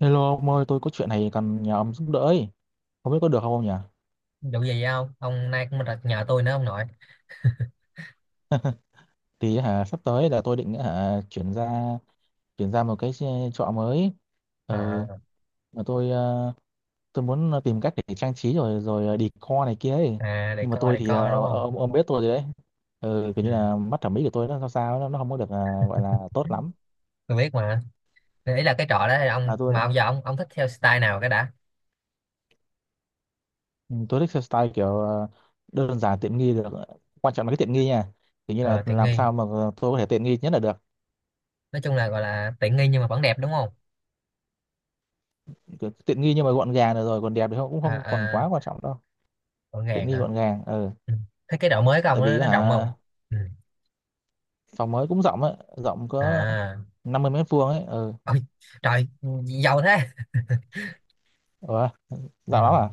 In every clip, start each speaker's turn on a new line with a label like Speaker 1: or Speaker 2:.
Speaker 1: Hello ông ơi, tôi có chuyện này cần nhờ ông giúp đỡ ấy. Không biết có được không ông nhỉ?
Speaker 2: Đủ gì không ông nay cũng đặt nhờ tôi nữa ông nội.
Speaker 1: Sắp tới là tôi định chuyển ra một cái trọ mới. Ừ,
Speaker 2: à,
Speaker 1: mà tôi muốn tìm cách để trang trí rồi rồi ờ, decor này kia ấy.
Speaker 2: à, để
Speaker 1: Nhưng mà
Speaker 2: co
Speaker 1: tôi
Speaker 2: để
Speaker 1: thì
Speaker 2: co đúng
Speaker 1: ờ,
Speaker 2: không?
Speaker 1: ông biết tôi rồi đấy. Ừ, kiểu
Speaker 2: Ừ,
Speaker 1: như là mắt thẩm mỹ của tôi nó sao sao nó không có được gọi là tốt lắm.
Speaker 2: tôi biết mà. Thì ý là cái trọ đó là
Speaker 1: Là
Speaker 2: ông
Speaker 1: tôi
Speaker 2: mà ông giờ ông thích theo style nào cái đã?
Speaker 1: ừ, tôi thích style kiểu đơn giản tiện nghi được. Quan trọng là cái tiện nghi nha. Kiểu như là
Speaker 2: Ờ, tiện
Speaker 1: làm
Speaker 2: nghi.
Speaker 1: sao mà tôi có thể tiện nghi nhất là được,
Speaker 2: Nói chung là gọi là tiện nghi nhưng mà vẫn đẹp đúng không?
Speaker 1: kiểu tiện nghi nhưng mà gọn gàng được, rồi còn đẹp thì không cũng
Speaker 2: à,
Speaker 1: không còn
Speaker 2: à
Speaker 1: quá quan trọng đâu.
Speaker 2: gọn
Speaker 1: Tiện
Speaker 2: gàng
Speaker 1: nghi
Speaker 2: hả?
Speaker 1: gọn gàng, ừ.
Speaker 2: Ừ. Thế cái độ mới của ông
Speaker 1: tại vì
Speaker 2: nó rộng
Speaker 1: hả
Speaker 2: không? Ừ.
Speaker 1: phòng mới cũng rộng ấy, rộng có
Speaker 2: À,
Speaker 1: 50 m² ấy, ừ.
Speaker 2: ôi trời, giàu thế.
Speaker 1: Ủa,
Speaker 2: Ừ,
Speaker 1: rộng lắm à?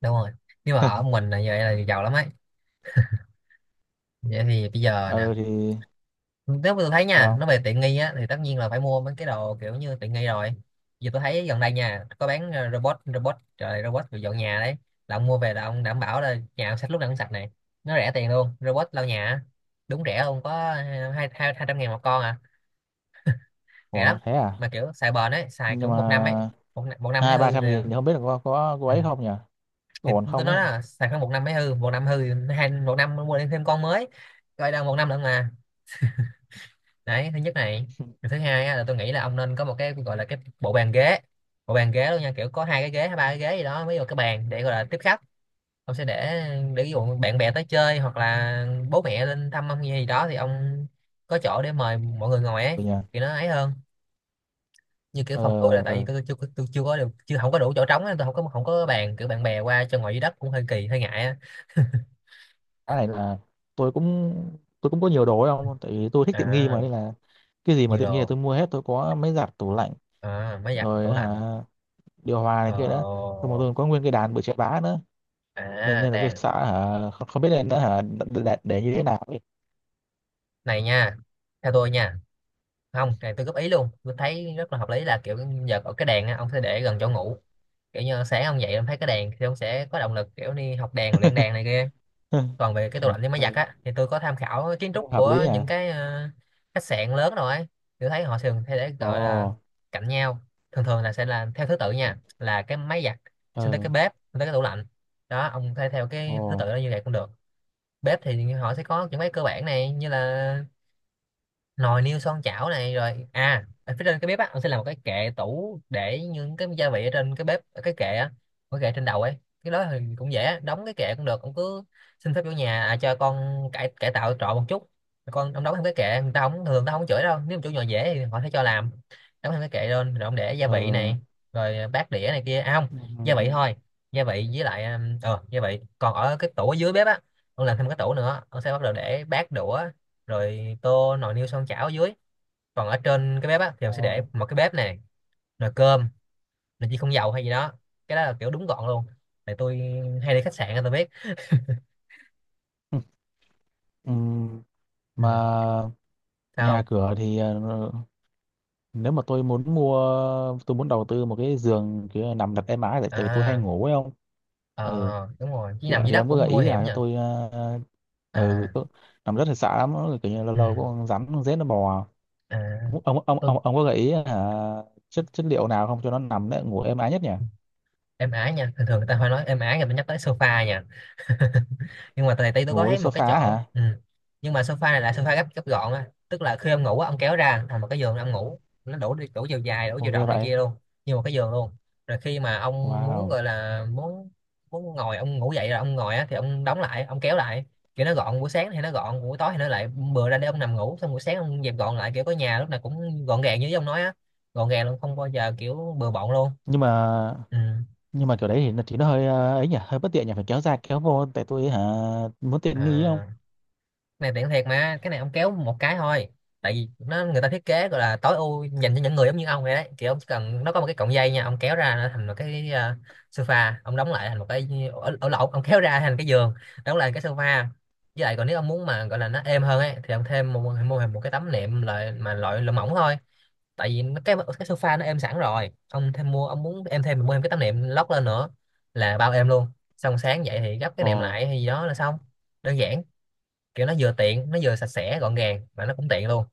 Speaker 2: đúng rồi. Nhưng mà ở mình là giờ là giàu lắm ấy. Vậy thì bây giờ nè,
Speaker 1: Ừ thì
Speaker 2: nếu mà tôi thấy nha, nó
Speaker 1: sao
Speaker 2: về tiện nghi á thì tất nhiên là phải mua mấy cái đồ kiểu như tiện nghi rồi. Giờ tôi thấy gần đây nha có bán, ờ, robot robot trời, robot về dọn nhà đấy. Là ông mua về là ông đảm bảo là nhà ông sạch, lúc nào cũng sạch này. Nó rẻ tiền luôn, robot lau nhà á. Đúng, rẻ luôn, có hai hai 200.000 một con à?
Speaker 1: không?
Speaker 2: Rẻ lắm.
Speaker 1: Ủa thế à?
Speaker 2: Mà kiểu xài bền ấy, xài kiểu
Speaker 1: Nhưng
Speaker 2: một năm ấy.
Speaker 1: mà
Speaker 2: Một năm mới
Speaker 1: hai ba
Speaker 2: hư
Speaker 1: trăm
Speaker 2: rồi.
Speaker 1: nghìn thì không biết là có
Speaker 2: Ừ.
Speaker 1: ấy không nhỉ? Có
Speaker 2: Thì
Speaker 1: ổn
Speaker 2: tôi
Speaker 1: không
Speaker 2: nói
Speaker 1: ấy?
Speaker 2: là xài khoảng một năm mới hư, một năm hư thì một năm mua thêm con mới. Coi đâu một năm nữa mà. Đấy, thứ nhất này. Rồi thứ hai á, là tôi nghĩ là ông nên có một cái gọi là cái bộ bàn ghế. Bộ bàn ghế luôn nha, kiểu có hai cái ghế hay ba cái ghế gì đó, mới vào cái bàn để gọi là tiếp khách. Ông sẽ để ví dụ bạn bè tới chơi hoặc là bố mẹ lên thăm ông gì đó thì ông có chỗ để mời mọi người ngồi ấy.
Speaker 1: Ừ nhỉ.
Speaker 2: Thì nó ấy hơn. Như kiểu
Speaker 1: Ờ
Speaker 2: phòng tôi là tại vì
Speaker 1: ờ,
Speaker 2: tôi chưa có được, chưa không có đủ chỗ trống nên tôi không có bàn, kiểu bạn bè qua cho ngồi dưới đất cũng hơi kỳ hơi ngại á.
Speaker 1: cái này là tôi cũng tôi cũng có nhiều đồ ấy không, tại vì tôi thích tiện nghi mà,
Speaker 2: À,
Speaker 1: nên là cái gì mà
Speaker 2: nhiều
Speaker 1: tiện nghi là
Speaker 2: đồ.
Speaker 1: tôi mua hết. Tôi có máy giặt, tủ lạnh
Speaker 2: À, máy giặt
Speaker 1: rồi
Speaker 2: tủ
Speaker 1: hả,
Speaker 2: lạnh.
Speaker 1: điều hòa này kia nữa.
Speaker 2: Ờ.
Speaker 1: Xong rồi tôi có nguyên cái đàn bự chà bá nữa, nên
Speaker 2: À,
Speaker 1: nên là tôi
Speaker 2: đèn.
Speaker 1: sợ hả không, không biết nên nữa để như thế nào ấy.
Speaker 2: Này nha, theo tôi nha. Không, này tôi góp ý luôn, tôi thấy rất là hợp lý là kiểu giờ ở cái đèn á, ông sẽ để gần chỗ ngủ. Kiểu như sáng ông dậy ông thấy cái đèn thì ông sẽ có động lực kiểu đi học đèn, luyện đèn này kia. Còn về cái tủ
Speaker 1: Ừ.
Speaker 2: lạnh với máy giặt
Speaker 1: Ừ,
Speaker 2: á thì tôi có tham khảo kiến
Speaker 1: cũng
Speaker 2: trúc
Speaker 1: hợp lý
Speaker 2: của
Speaker 1: à.
Speaker 2: những cái, khách sạn lớn rồi ấy. Tôi thấy họ thường hay để
Speaker 1: Ồ.
Speaker 2: gọi là cạnh nhau. Thường thường là sẽ là theo thứ tự nha, là cái máy giặt, xong tới
Speaker 1: Ờ.
Speaker 2: cái bếp, xong tới cái tủ lạnh. Đó, ông thay theo
Speaker 1: Ồ.
Speaker 2: cái thứ tự đó, như vậy cũng được. Bếp thì họ sẽ có những cái cơ bản này, như là nồi niêu xoong chảo này, rồi à, ở phía trên cái bếp á ông sẽ làm một cái kệ tủ để những cái gia vị ở trên cái bếp, ở cái kệ á. Cái kệ trên đầu ấy. Cái đó thì cũng dễ á, đóng cái kệ cũng được, ông cứ xin phép chủ nhà, à, cho con cải cải tạo trọ một chút. Con ông đóng thêm cái kệ, người ta không thường, người ta không chửi đâu, nếu mà chủ nhà dễ thì họ sẽ cho làm. Đóng thêm cái kệ lên rồi ông để gia
Speaker 1: Ờ.
Speaker 2: vị này, rồi bát đĩa này kia. À không, gia vị
Speaker 1: ừm,
Speaker 2: thôi. Gia vị với lại, gia vị còn ở cái tủ ở dưới bếp á. Ông làm thêm cái tủ nữa, ông sẽ bắt đầu để bát đũa, rồi tô, nồi niêu xoong chảo ở dưới. Còn ở trên cái bếp á thì mình
Speaker 1: ờ
Speaker 2: sẽ để một cái bếp này, nồi cơm, nồi chi không dầu hay gì đó. Cái đó là kiểu đúng gọn luôn. Tại tôi hay đi khách sạn á, tôi biết.
Speaker 1: ừm, ừm.
Speaker 2: Ừ.
Speaker 1: Mà
Speaker 2: Sao
Speaker 1: nhà
Speaker 2: không?
Speaker 1: cửa thì nếu mà tôi muốn mua, tôi muốn đầu tư một cái giường kiểu nằm đặt êm ái, tại tại vì tôi hay
Speaker 2: À,
Speaker 1: ngủ ấy không. Ừ
Speaker 2: ờ, đúng rồi, chứ
Speaker 1: thì,
Speaker 2: nằm
Speaker 1: ờ,
Speaker 2: dưới
Speaker 1: thì
Speaker 2: đất
Speaker 1: ông có gợi
Speaker 2: cũng
Speaker 1: ý
Speaker 2: nguy hiểm
Speaker 1: là cho
Speaker 2: nha.
Speaker 1: tôi
Speaker 2: À.
Speaker 1: uh, uh, nằm rất là sợ lắm, nó kiểu như lâu
Speaker 2: Ừ.
Speaker 1: lâu có con rắn con rết nó bò.
Speaker 2: À, tôi,
Speaker 1: Ông có gợi ý hả chất chất liệu nào không cho nó nằm đấy ngủ êm ái nhất nhỉ?
Speaker 2: em ái nha, thường thường người ta phải nói em ái, người ta nhắc tới sofa nha. Nhưng mà tại tí tôi có
Speaker 1: Ngủ trên
Speaker 2: thấy một cái
Speaker 1: sofa
Speaker 2: chỗ.
Speaker 1: hả?
Speaker 2: Ừ. Nhưng mà sofa này là sofa gấp gấp gọn á, tức là khi ông ngủ á, ông kéo ra thành một cái giường ông ngủ. Nó đủ đủ chiều dài, đủ chiều
Speaker 1: Ok
Speaker 2: rộng này
Speaker 1: vậy.
Speaker 2: kia luôn. Như một cái giường luôn. Rồi khi mà ông muốn
Speaker 1: Wow.
Speaker 2: gọi là muốn muốn ngồi, ông ngủ dậy là ông ngồi á thì ông đóng lại, ông kéo lại. Kiểu nó gọn, buổi sáng thì nó gọn, buổi tối thì nó lại bừa ra để ông nằm ngủ, xong buổi sáng ông dẹp gọn lại, kiểu có nhà lúc nào cũng gọn gàng như ông nói á. Gọn gàng luôn, không bao giờ kiểu bừa bộn luôn.
Speaker 1: nhưng mà
Speaker 2: Ừ.
Speaker 1: nhưng mà kiểu đấy thì nó hơi ấy nhỉ, hơi bất tiện nhỉ, phải kéo ra kéo vô, tại tôi muốn tiện nghi không?
Speaker 2: À. Này tiện thiệt mà, cái này ông kéo một cái thôi. Tại vì nó, người ta thiết kế gọi là tối ưu dành cho những người giống như ông vậy đấy, kiểu ông chỉ cần, nó có một cái cọng dây nha, ông kéo ra nó thành một cái, sofa, ông đóng lại thành một cái, ở, ở lỗ, ông kéo ra thành cái giường, đóng lại cái sofa. Với lại còn nếu ông muốn mà gọi là nó êm hơn ấy thì ông thêm một, mua thêm một cái tấm nệm, loại mà loại loại mỏng thôi. Tại vì cái sofa nó êm sẵn rồi, ông thêm mua, ông muốn em thêm, mình mua thêm cái tấm nệm lót lên nữa là bao êm luôn. Xong sáng dậy thì gấp cái
Speaker 1: Ồ,
Speaker 2: nệm lại hay gì đó là xong. Đơn giản. Kiểu nó vừa tiện, nó vừa sạch sẽ gọn gàng mà nó cũng tiện luôn.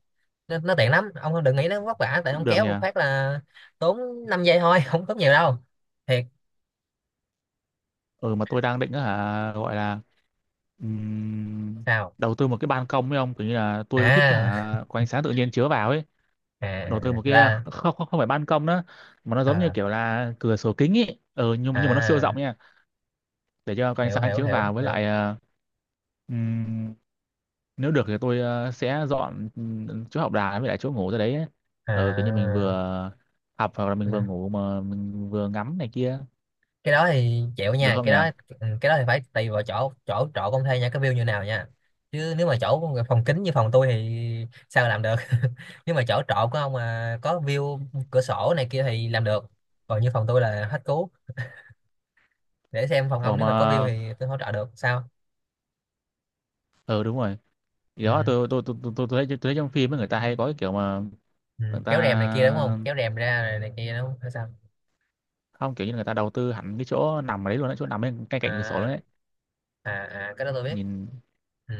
Speaker 2: Nó tiện lắm, ông đừng nghĩ nó vất vả, tại
Speaker 1: cũng
Speaker 2: ông
Speaker 1: được
Speaker 2: kéo
Speaker 1: nhỉ.
Speaker 2: một phát là tốn 5 giây thôi. Không tốn nhiều đâu, thiệt.
Speaker 1: Ừ, mà tôi đang định á hả gọi là ừm,
Speaker 2: Sao?
Speaker 1: đầu tư một cái ban công ấy ông, kiểu như là tôi thích á
Speaker 2: À,
Speaker 1: hả có ánh sáng tự nhiên chiếu vào ấy, đổ từ một cái
Speaker 2: là.
Speaker 1: không không, không phải ban công nữa, mà nó giống như
Speaker 2: à,
Speaker 1: kiểu là cửa sổ kính ý. Ừ, nhưng mà nó siêu rộng
Speaker 2: à,
Speaker 1: nha, để cho có ánh
Speaker 2: hiểu,
Speaker 1: sáng
Speaker 2: hiểu,
Speaker 1: chiếu
Speaker 2: hiểu,
Speaker 1: vào, với
Speaker 2: hiểu.
Speaker 1: lại ừm, nếu được thì tôi sẽ dọn chỗ học đà với lại chỗ ngủ ra đấy ấy. Ừ, kiểu như mình
Speaker 2: À,
Speaker 1: vừa học hoặc là mình vừa
Speaker 2: là
Speaker 1: ngủ mà mình vừa ngắm này kia,
Speaker 2: cái đó thì chịu
Speaker 1: được
Speaker 2: nha,
Speaker 1: không
Speaker 2: cái
Speaker 1: nhỉ?
Speaker 2: đó. Ừ, cái đó thì phải tùy vào chỗ chỗ chỗ công thuê nha, cái view như nào nha. Chứ nếu mà chỗ phòng kính như phòng tôi thì sao làm được. Nhưng mà chỗ trọ của ông mà có view, cửa sổ này kia thì làm được. Còn như phòng tôi là hết cứu. Để xem phòng ông,
Speaker 1: Ủa
Speaker 2: nếu mà có view
Speaker 1: mà
Speaker 2: thì tôi hỗ trợ được. Sao?
Speaker 1: ừ đúng rồi, thì
Speaker 2: Ừ.
Speaker 1: đó tôi thấy trong phim ấy, người ta hay có cái kiểu mà
Speaker 2: Ừ,
Speaker 1: người ta,
Speaker 2: kéo rèm này kia đúng không, kéo rèm ra này, này kia đúng không hay sao?
Speaker 1: không, kiểu như người ta đầu tư hẳn cái chỗ nằm ở đấy luôn á, chỗ nằm bên cạnh cạnh cửa sổ
Speaker 2: à,
Speaker 1: đấy,
Speaker 2: à, à cái đó tôi biết.
Speaker 1: nhìn,
Speaker 2: Ừ,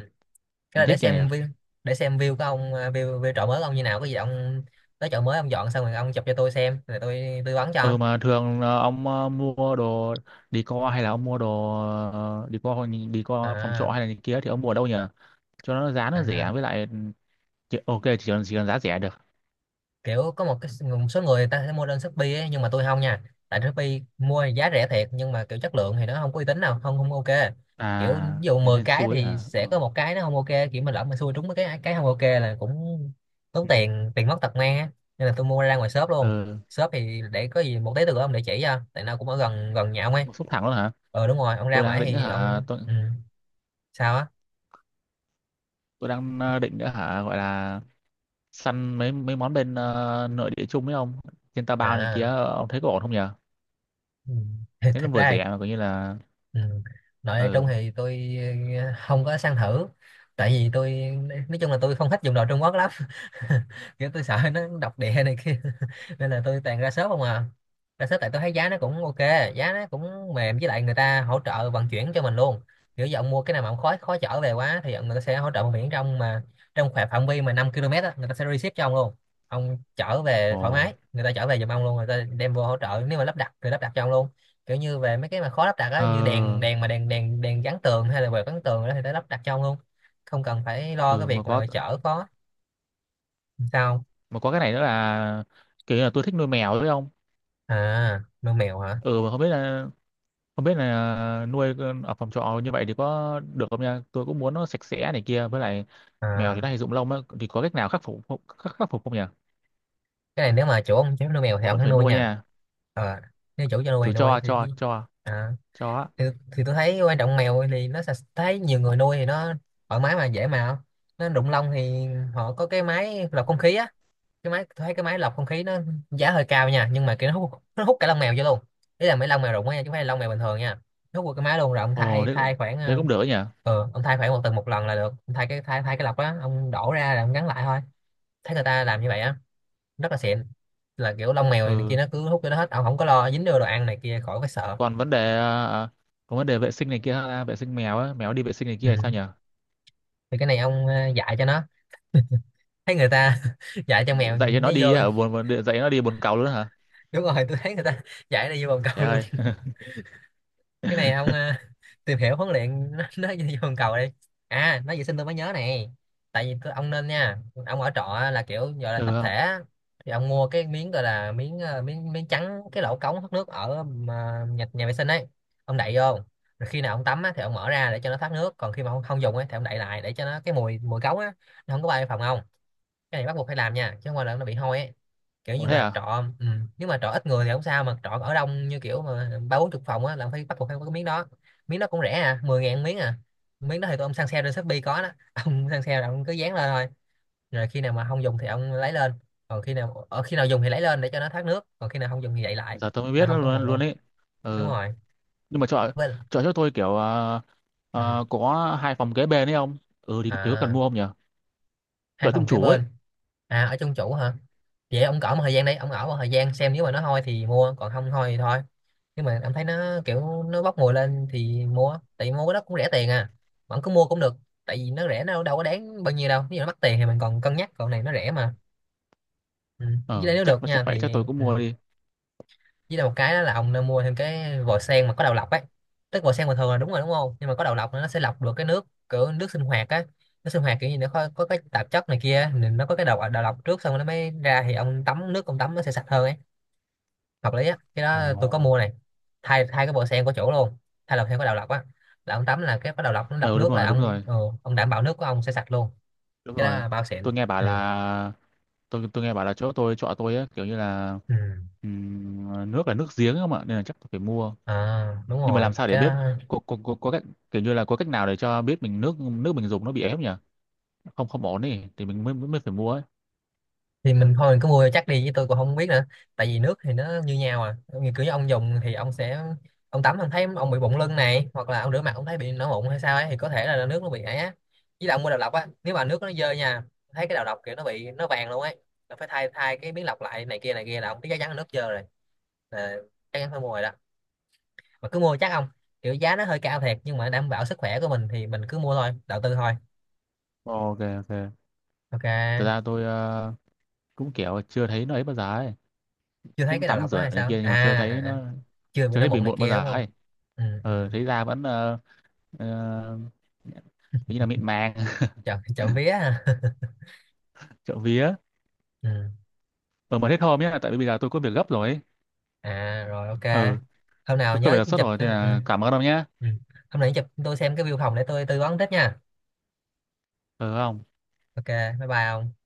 Speaker 1: nhìn
Speaker 2: cái đó để
Speaker 1: thích nhỉ nhỉ?
Speaker 2: xem view. Để xem view của ông, à, view chợ mới của ông như nào, có gì ông tới chợ mới ông dọn xong rồi, ông chụp cho tôi xem rồi tôi tư vấn cho.
Speaker 1: Ừ mà thường là ông mua đồ đi co, hay là ông mua đồ đi co phòng trọ
Speaker 2: à,
Speaker 1: hay là gì kia thì ông mua ở đâu nhỉ? Cho nó giá nó rẻ
Speaker 2: à
Speaker 1: với lại chỉ cần giá rẻ được.
Speaker 2: kiểu có một số người ta sẽ mua lên Shopee ấy, nhưng mà tôi không nha. Tại Shopee mua thì giá rẻ thiệt nhưng mà kiểu chất lượng thì nó không có uy tín, nào không, không ok. Kiểu ví
Speaker 1: À
Speaker 2: dụ
Speaker 1: ở
Speaker 2: 10
Speaker 1: trên
Speaker 2: cái
Speaker 1: suối
Speaker 2: thì
Speaker 1: hả? Ừ.
Speaker 2: sẽ có một cái nó không ok. Kiểu mà lỡ mà xui trúng mấy cái không ok là cũng tốn
Speaker 1: Ừ.
Speaker 2: tiền, tiền mất tật mang á. Nên là tôi mua ra ngoài shop luôn.
Speaker 1: Ừ.
Speaker 2: Shop thì để có gì một tí từ ông để chỉ cho, tại nó cũng ở gần gần nhà ông ấy.
Speaker 1: Một xúc thẳng luôn hả?
Speaker 2: Ờ đúng rồi, ông ra
Speaker 1: Tôi đang
Speaker 2: ngoài
Speaker 1: định
Speaker 2: thì
Speaker 1: hả?
Speaker 2: ông.
Speaker 1: Tôi
Speaker 2: Ừ. Sao á?
Speaker 1: tôi đang định nữa hả gọi là săn mấy mấy món bên nội địa chung với ông trên Taobao này kia,
Speaker 2: À.
Speaker 1: ông thấy có ổn không nhỉ?
Speaker 2: Ừ.
Speaker 1: Thế nó
Speaker 2: Thật
Speaker 1: vừa
Speaker 2: ra.
Speaker 1: rẻ mà coi như là
Speaker 2: Ừ. Nội Trung
Speaker 1: ừ.
Speaker 2: thì tôi không có sang thử. Tại vì tôi Nói chung là tôi không thích dùng đồ Trung Quốc lắm. Kiểu tôi sợ nó độc địa này kia. Nên là tôi toàn ra shop không à. Ra shop tại tôi thấy giá nó cũng ok, giá nó cũng mềm, với lại người ta hỗ trợ vận chuyển cho mình luôn. Kiểu giờ ông mua cái nào mà ông khó khó chở về quá thì người ta sẽ hỗ trợ vận chuyển trong khoảng phạm vi mà 5 km á, người ta sẽ ship cho ông luôn. Ông chở về thoải
Speaker 1: Ồ.
Speaker 2: mái, người ta chở về giùm ông luôn, người ta đem vô hỗ trợ, nếu mà lắp đặt thì lắp đặt cho ông luôn. Kiểu như về mấy cái mà khó lắp đặt á, như đèn
Speaker 1: Ờ.
Speaker 2: đèn mà đèn đèn đèn gắn tường hay là về gắn tường đó thì nó lắp đặt cho ông luôn, không cần phải lo cái
Speaker 1: Ừ,
Speaker 2: việc
Speaker 1: mà có,
Speaker 2: mà chở có. Sao?
Speaker 1: mà có cái này nữa là kiểu như là tôi thích nuôi mèo đấy không.
Speaker 2: À, nuôi mèo hả?
Speaker 1: Ừ mà không biết là, không biết là nuôi ở phòng trọ như vậy thì có được không nha, tôi cũng muốn nó sạch sẽ này kia, với lại mèo thì
Speaker 2: À,
Speaker 1: nó hay rụng lông á thì có cách nào khắc phục không nhỉ?
Speaker 2: cái này nếu mà chủ ông cho phép nuôi mèo thì
Speaker 1: Mà
Speaker 2: ông
Speaker 1: vẫn
Speaker 2: hắn
Speaker 1: phải
Speaker 2: nuôi
Speaker 1: nuôi
Speaker 2: nha.
Speaker 1: nha.
Speaker 2: Ờ, nếu chủ cho
Speaker 1: chủ
Speaker 2: nuôi
Speaker 1: cho
Speaker 2: thì,
Speaker 1: cho cho
Speaker 2: à,
Speaker 1: cho á.
Speaker 2: thì, thì tôi thấy quan trọng, mèo thì nó sạch, thấy nhiều người nuôi thì nó thoải mái mà dễ mà. Nó đụng lông thì họ có cái máy lọc không khí á. Cái máy, tôi thấy cái máy lọc không khí nó giá hơi cao nha, nhưng mà kiểu nó hút cả lông mèo vô luôn. Ý là mấy lông mèo rụng á nha, chứ không phải là lông mèo bình thường nha. Nó hút vào cái máy luôn, rồi ông
Speaker 1: Ồ
Speaker 2: thay
Speaker 1: thế cũng,
Speaker 2: thay khoảng
Speaker 1: thế cũng được ấy nhỉ.
Speaker 2: ông thay khoảng một tuần một lần là được. Ông thay cái thay thay cái lọc đó, ông đổ ra là ông gắn lại thôi. Thấy người ta làm như vậy á, rất là xịn, là kiểu lông mèo này kia
Speaker 1: Ừ
Speaker 2: nó cứ hút cho nó hết, ông không có lo dính vô đồ ăn này kia, khỏi phải sợ.
Speaker 1: còn vấn đề còn vấn đề vệ sinh này kia ha, vệ sinh mèo á, mèo đi vệ sinh này
Speaker 2: Ừ.
Speaker 1: kia thì sao nhỉ?
Speaker 2: Thì cái này ông dạy cho nó, thấy người ta dạy cho mèo nó vô.
Speaker 1: Dạy nó đi buồn cầu luôn á hả?
Speaker 2: Đúng rồi, tôi thấy người ta dạy nó vô bồn cầu
Speaker 1: Trời
Speaker 2: luôn.
Speaker 1: ơi.
Speaker 2: Cái này ông tìm hiểu huấn luyện nó như vòng cầu đây. À, nói vệ sinh tôi mới nhớ này. Ông nên nha. Ông ở trọ á, là kiểu gọi là
Speaker 1: Ừ
Speaker 2: tập thể
Speaker 1: không.
Speaker 2: á, thì ông mua cái miếng, gọi là miếng miếng miếng trắng cái lỗ cống thoát nước ở mà nhà vệ sinh ấy. Ông đậy vô rồi khi nào ông tắm á thì ông mở ra để cho nó thoát nước, còn khi mà ông không dùng ấy thì ông đậy lại để cho nó cái mùi mùi cống á nó không có bay vào phòng ông. Cái này bắt buộc phải làm nha, chứ không qua là nó bị hôi ấy. Kiểu
Speaker 1: Ủa
Speaker 2: như
Speaker 1: thế
Speaker 2: mà
Speaker 1: à?
Speaker 2: trọ, ừ. Nếu mà trọ ít người thì không sao, mà trọ ở đông như kiểu mà ba bốn chục phòng á là phải bắt buộc phải có cái miếng đó. Miếng đó cũng rẻ à, 10.000 miếng à. Miếng đó thì tụi ông săn sale trên Shopee có đó, ông săn sale là ông cứ dán lên thôi. Rồi khi nào mà không dùng thì ông lấy lên, còn khi nào dùng thì lấy lên để cho nó thoát nước, còn khi nào không dùng thì đậy lại
Speaker 1: Giờ tôi mới
Speaker 2: là
Speaker 1: biết nó
Speaker 2: không có
Speaker 1: luôn
Speaker 2: mùi
Speaker 1: luôn
Speaker 2: luôn.
Speaker 1: ấy.
Speaker 2: Đúng
Speaker 1: Ừ.
Speaker 2: rồi.
Speaker 1: Nhưng mà chọn,
Speaker 2: Với,
Speaker 1: chọn cho tôi kiểu à,
Speaker 2: ừ.
Speaker 1: à, có hai phòng kế bên ấy không, ừ thì có cần
Speaker 2: À,
Speaker 1: mua không nhỉ?
Speaker 2: hai
Speaker 1: Chọn trung
Speaker 2: phòng kế
Speaker 1: chủ ấy.
Speaker 2: bên. À, ở trong chủ hả? Vậy ông cỡ một thời gian đây, ông ở một thời gian xem nếu mà nó hôi thì mua, còn không hôi thì thôi. Nhưng mà ông thấy nó kiểu nó bốc mùi lên thì mua, tại vì mua cái đó cũng rẻ tiền à, mà ông cứ mua cũng được, tại vì nó rẻ, nó đâu có đáng bao nhiêu đâu, nếu nó mắc tiền thì mình còn cân nhắc, còn này nó rẻ mà. Ừ. Với lại
Speaker 1: Ờ
Speaker 2: nếu
Speaker 1: chắc
Speaker 2: được
Speaker 1: chắc
Speaker 2: nha
Speaker 1: vậy,
Speaker 2: thì,
Speaker 1: chắc tôi cũng
Speaker 2: ừ,
Speaker 1: mua đi.
Speaker 2: với lại một cái đó là ông nên mua thêm cái vòi sen mà có đầu lọc ấy. Tức vòi sen bình thường là đúng rồi đúng không, nhưng mà có đầu lọc nó sẽ lọc được cái nước, kiểu nước sinh hoạt á. Nước sinh hoạt kiểu như nó có cái tạp chất này kia, nên nó có cái đầu đầu lọc trước xong rồi nó mới ra, thì ông tắm nước, ông tắm nó sẽ sạch hơn ấy, hợp lý á, cái đó tôi có
Speaker 1: Ồ.
Speaker 2: mua này. Thay thay cái vòi sen của chỗ luôn, thay đầu theo cái đầu lọc á, là ông tắm là cái đầu lọc nó lọc
Speaker 1: Ờ đúng
Speaker 2: nước, là
Speaker 1: rồi, đúng
Speaker 2: ông
Speaker 1: rồi.
Speaker 2: ông đảm bảo nước của ông sẽ sạch luôn.
Speaker 1: Đúng
Speaker 2: Cái đó
Speaker 1: rồi,
Speaker 2: là bao
Speaker 1: tôi
Speaker 2: xịn.
Speaker 1: nghe bảo
Speaker 2: Ừ.
Speaker 1: là, tôi nghe bảo là chỗ tôi chọn tôi ấy, kiểu như là
Speaker 2: Ừ.
Speaker 1: nước là nước giếng không ạ, nên là chắc tôi phải mua.
Speaker 2: À, đúng
Speaker 1: Nhưng mà làm
Speaker 2: rồi,
Speaker 1: sao để
Speaker 2: cái
Speaker 1: biết
Speaker 2: đó
Speaker 1: có cách, kiểu như là có cách nào để cho biết mình nước, nước mình dùng nó bị ép nhỉ, không không ổn đi thì mình mới, mới phải mua ấy?
Speaker 2: thì mình thôi, mình cứ mua chắc đi, chứ tôi cũng không biết nữa, tại vì nước thì nó như nhau à, như kiểu như ông dùng thì ông sẽ ông tắm, ông thấy ông bị bụng lưng này, hoặc là ông rửa mặt ông thấy bị nổi mụn hay sao ấy thì có thể là nước nó bị ấy á. Với lại ông mua đầu lọc á, nếu mà nước nó dơ nha, thấy cái đầu lọc kiểu nó bị nó vàng luôn ấy, là phải thay thay cái miếng lọc lại, này kia là ông thấy chắc chắn là nước dơ rồi, là chắc chắn phải mua rồi đó, mà cứ mua chắc không. Kiểu giá nó hơi cao thiệt, nhưng mà đảm bảo sức khỏe của mình thì mình cứ mua thôi, đầu tư thôi.
Speaker 1: Ok ok. Thật
Speaker 2: Ok.
Speaker 1: ra tôi cũng kiểu chưa thấy nó ấy bao giờ ấy.
Speaker 2: Chưa thấy
Speaker 1: Cũng
Speaker 2: cái đầu
Speaker 1: tắm
Speaker 2: lọc đó
Speaker 1: rửa
Speaker 2: hay
Speaker 1: này
Speaker 2: sao
Speaker 1: kia nhưng
Speaker 2: à?
Speaker 1: mà chưa
Speaker 2: À,
Speaker 1: thấy
Speaker 2: à.
Speaker 1: nó,
Speaker 2: Chưa bị
Speaker 1: chưa
Speaker 2: nó
Speaker 1: thấy bị
Speaker 2: mụn này
Speaker 1: mụn bao
Speaker 2: kia
Speaker 1: giờ
Speaker 2: đúng không?
Speaker 1: ấy.
Speaker 2: Ừ, ừ.
Speaker 1: Ờ, thấy da vẫn ờ, như là mịn màng.
Speaker 2: Chọn chọn vía à.
Speaker 1: Trộm vía.
Speaker 2: Ừ.
Speaker 1: Ờ mà hết hôm nhé, tại vì bây giờ tôi có việc gấp rồi ấy.
Speaker 2: À rồi, ok.
Speaker 1: Ừ,
Speaker 2: hôm nào
Speaker 1: tôi có việc
Speaker 2: nhớ
Speaker 1: đột xuất
Speaker 2: chụp
Speaker 1: rồi thì
Speaker 2: cái- Ừ.
Speaker 1: là cảm ơn ông nhé.
Speaker 2: Ừ. Hôm nào nhớ chụp tôi xem cái view phòng để tôi tư vấn tiếp nha.
Speaker 1: Ừ không?
Speaker 2: Ok, bye bye ông.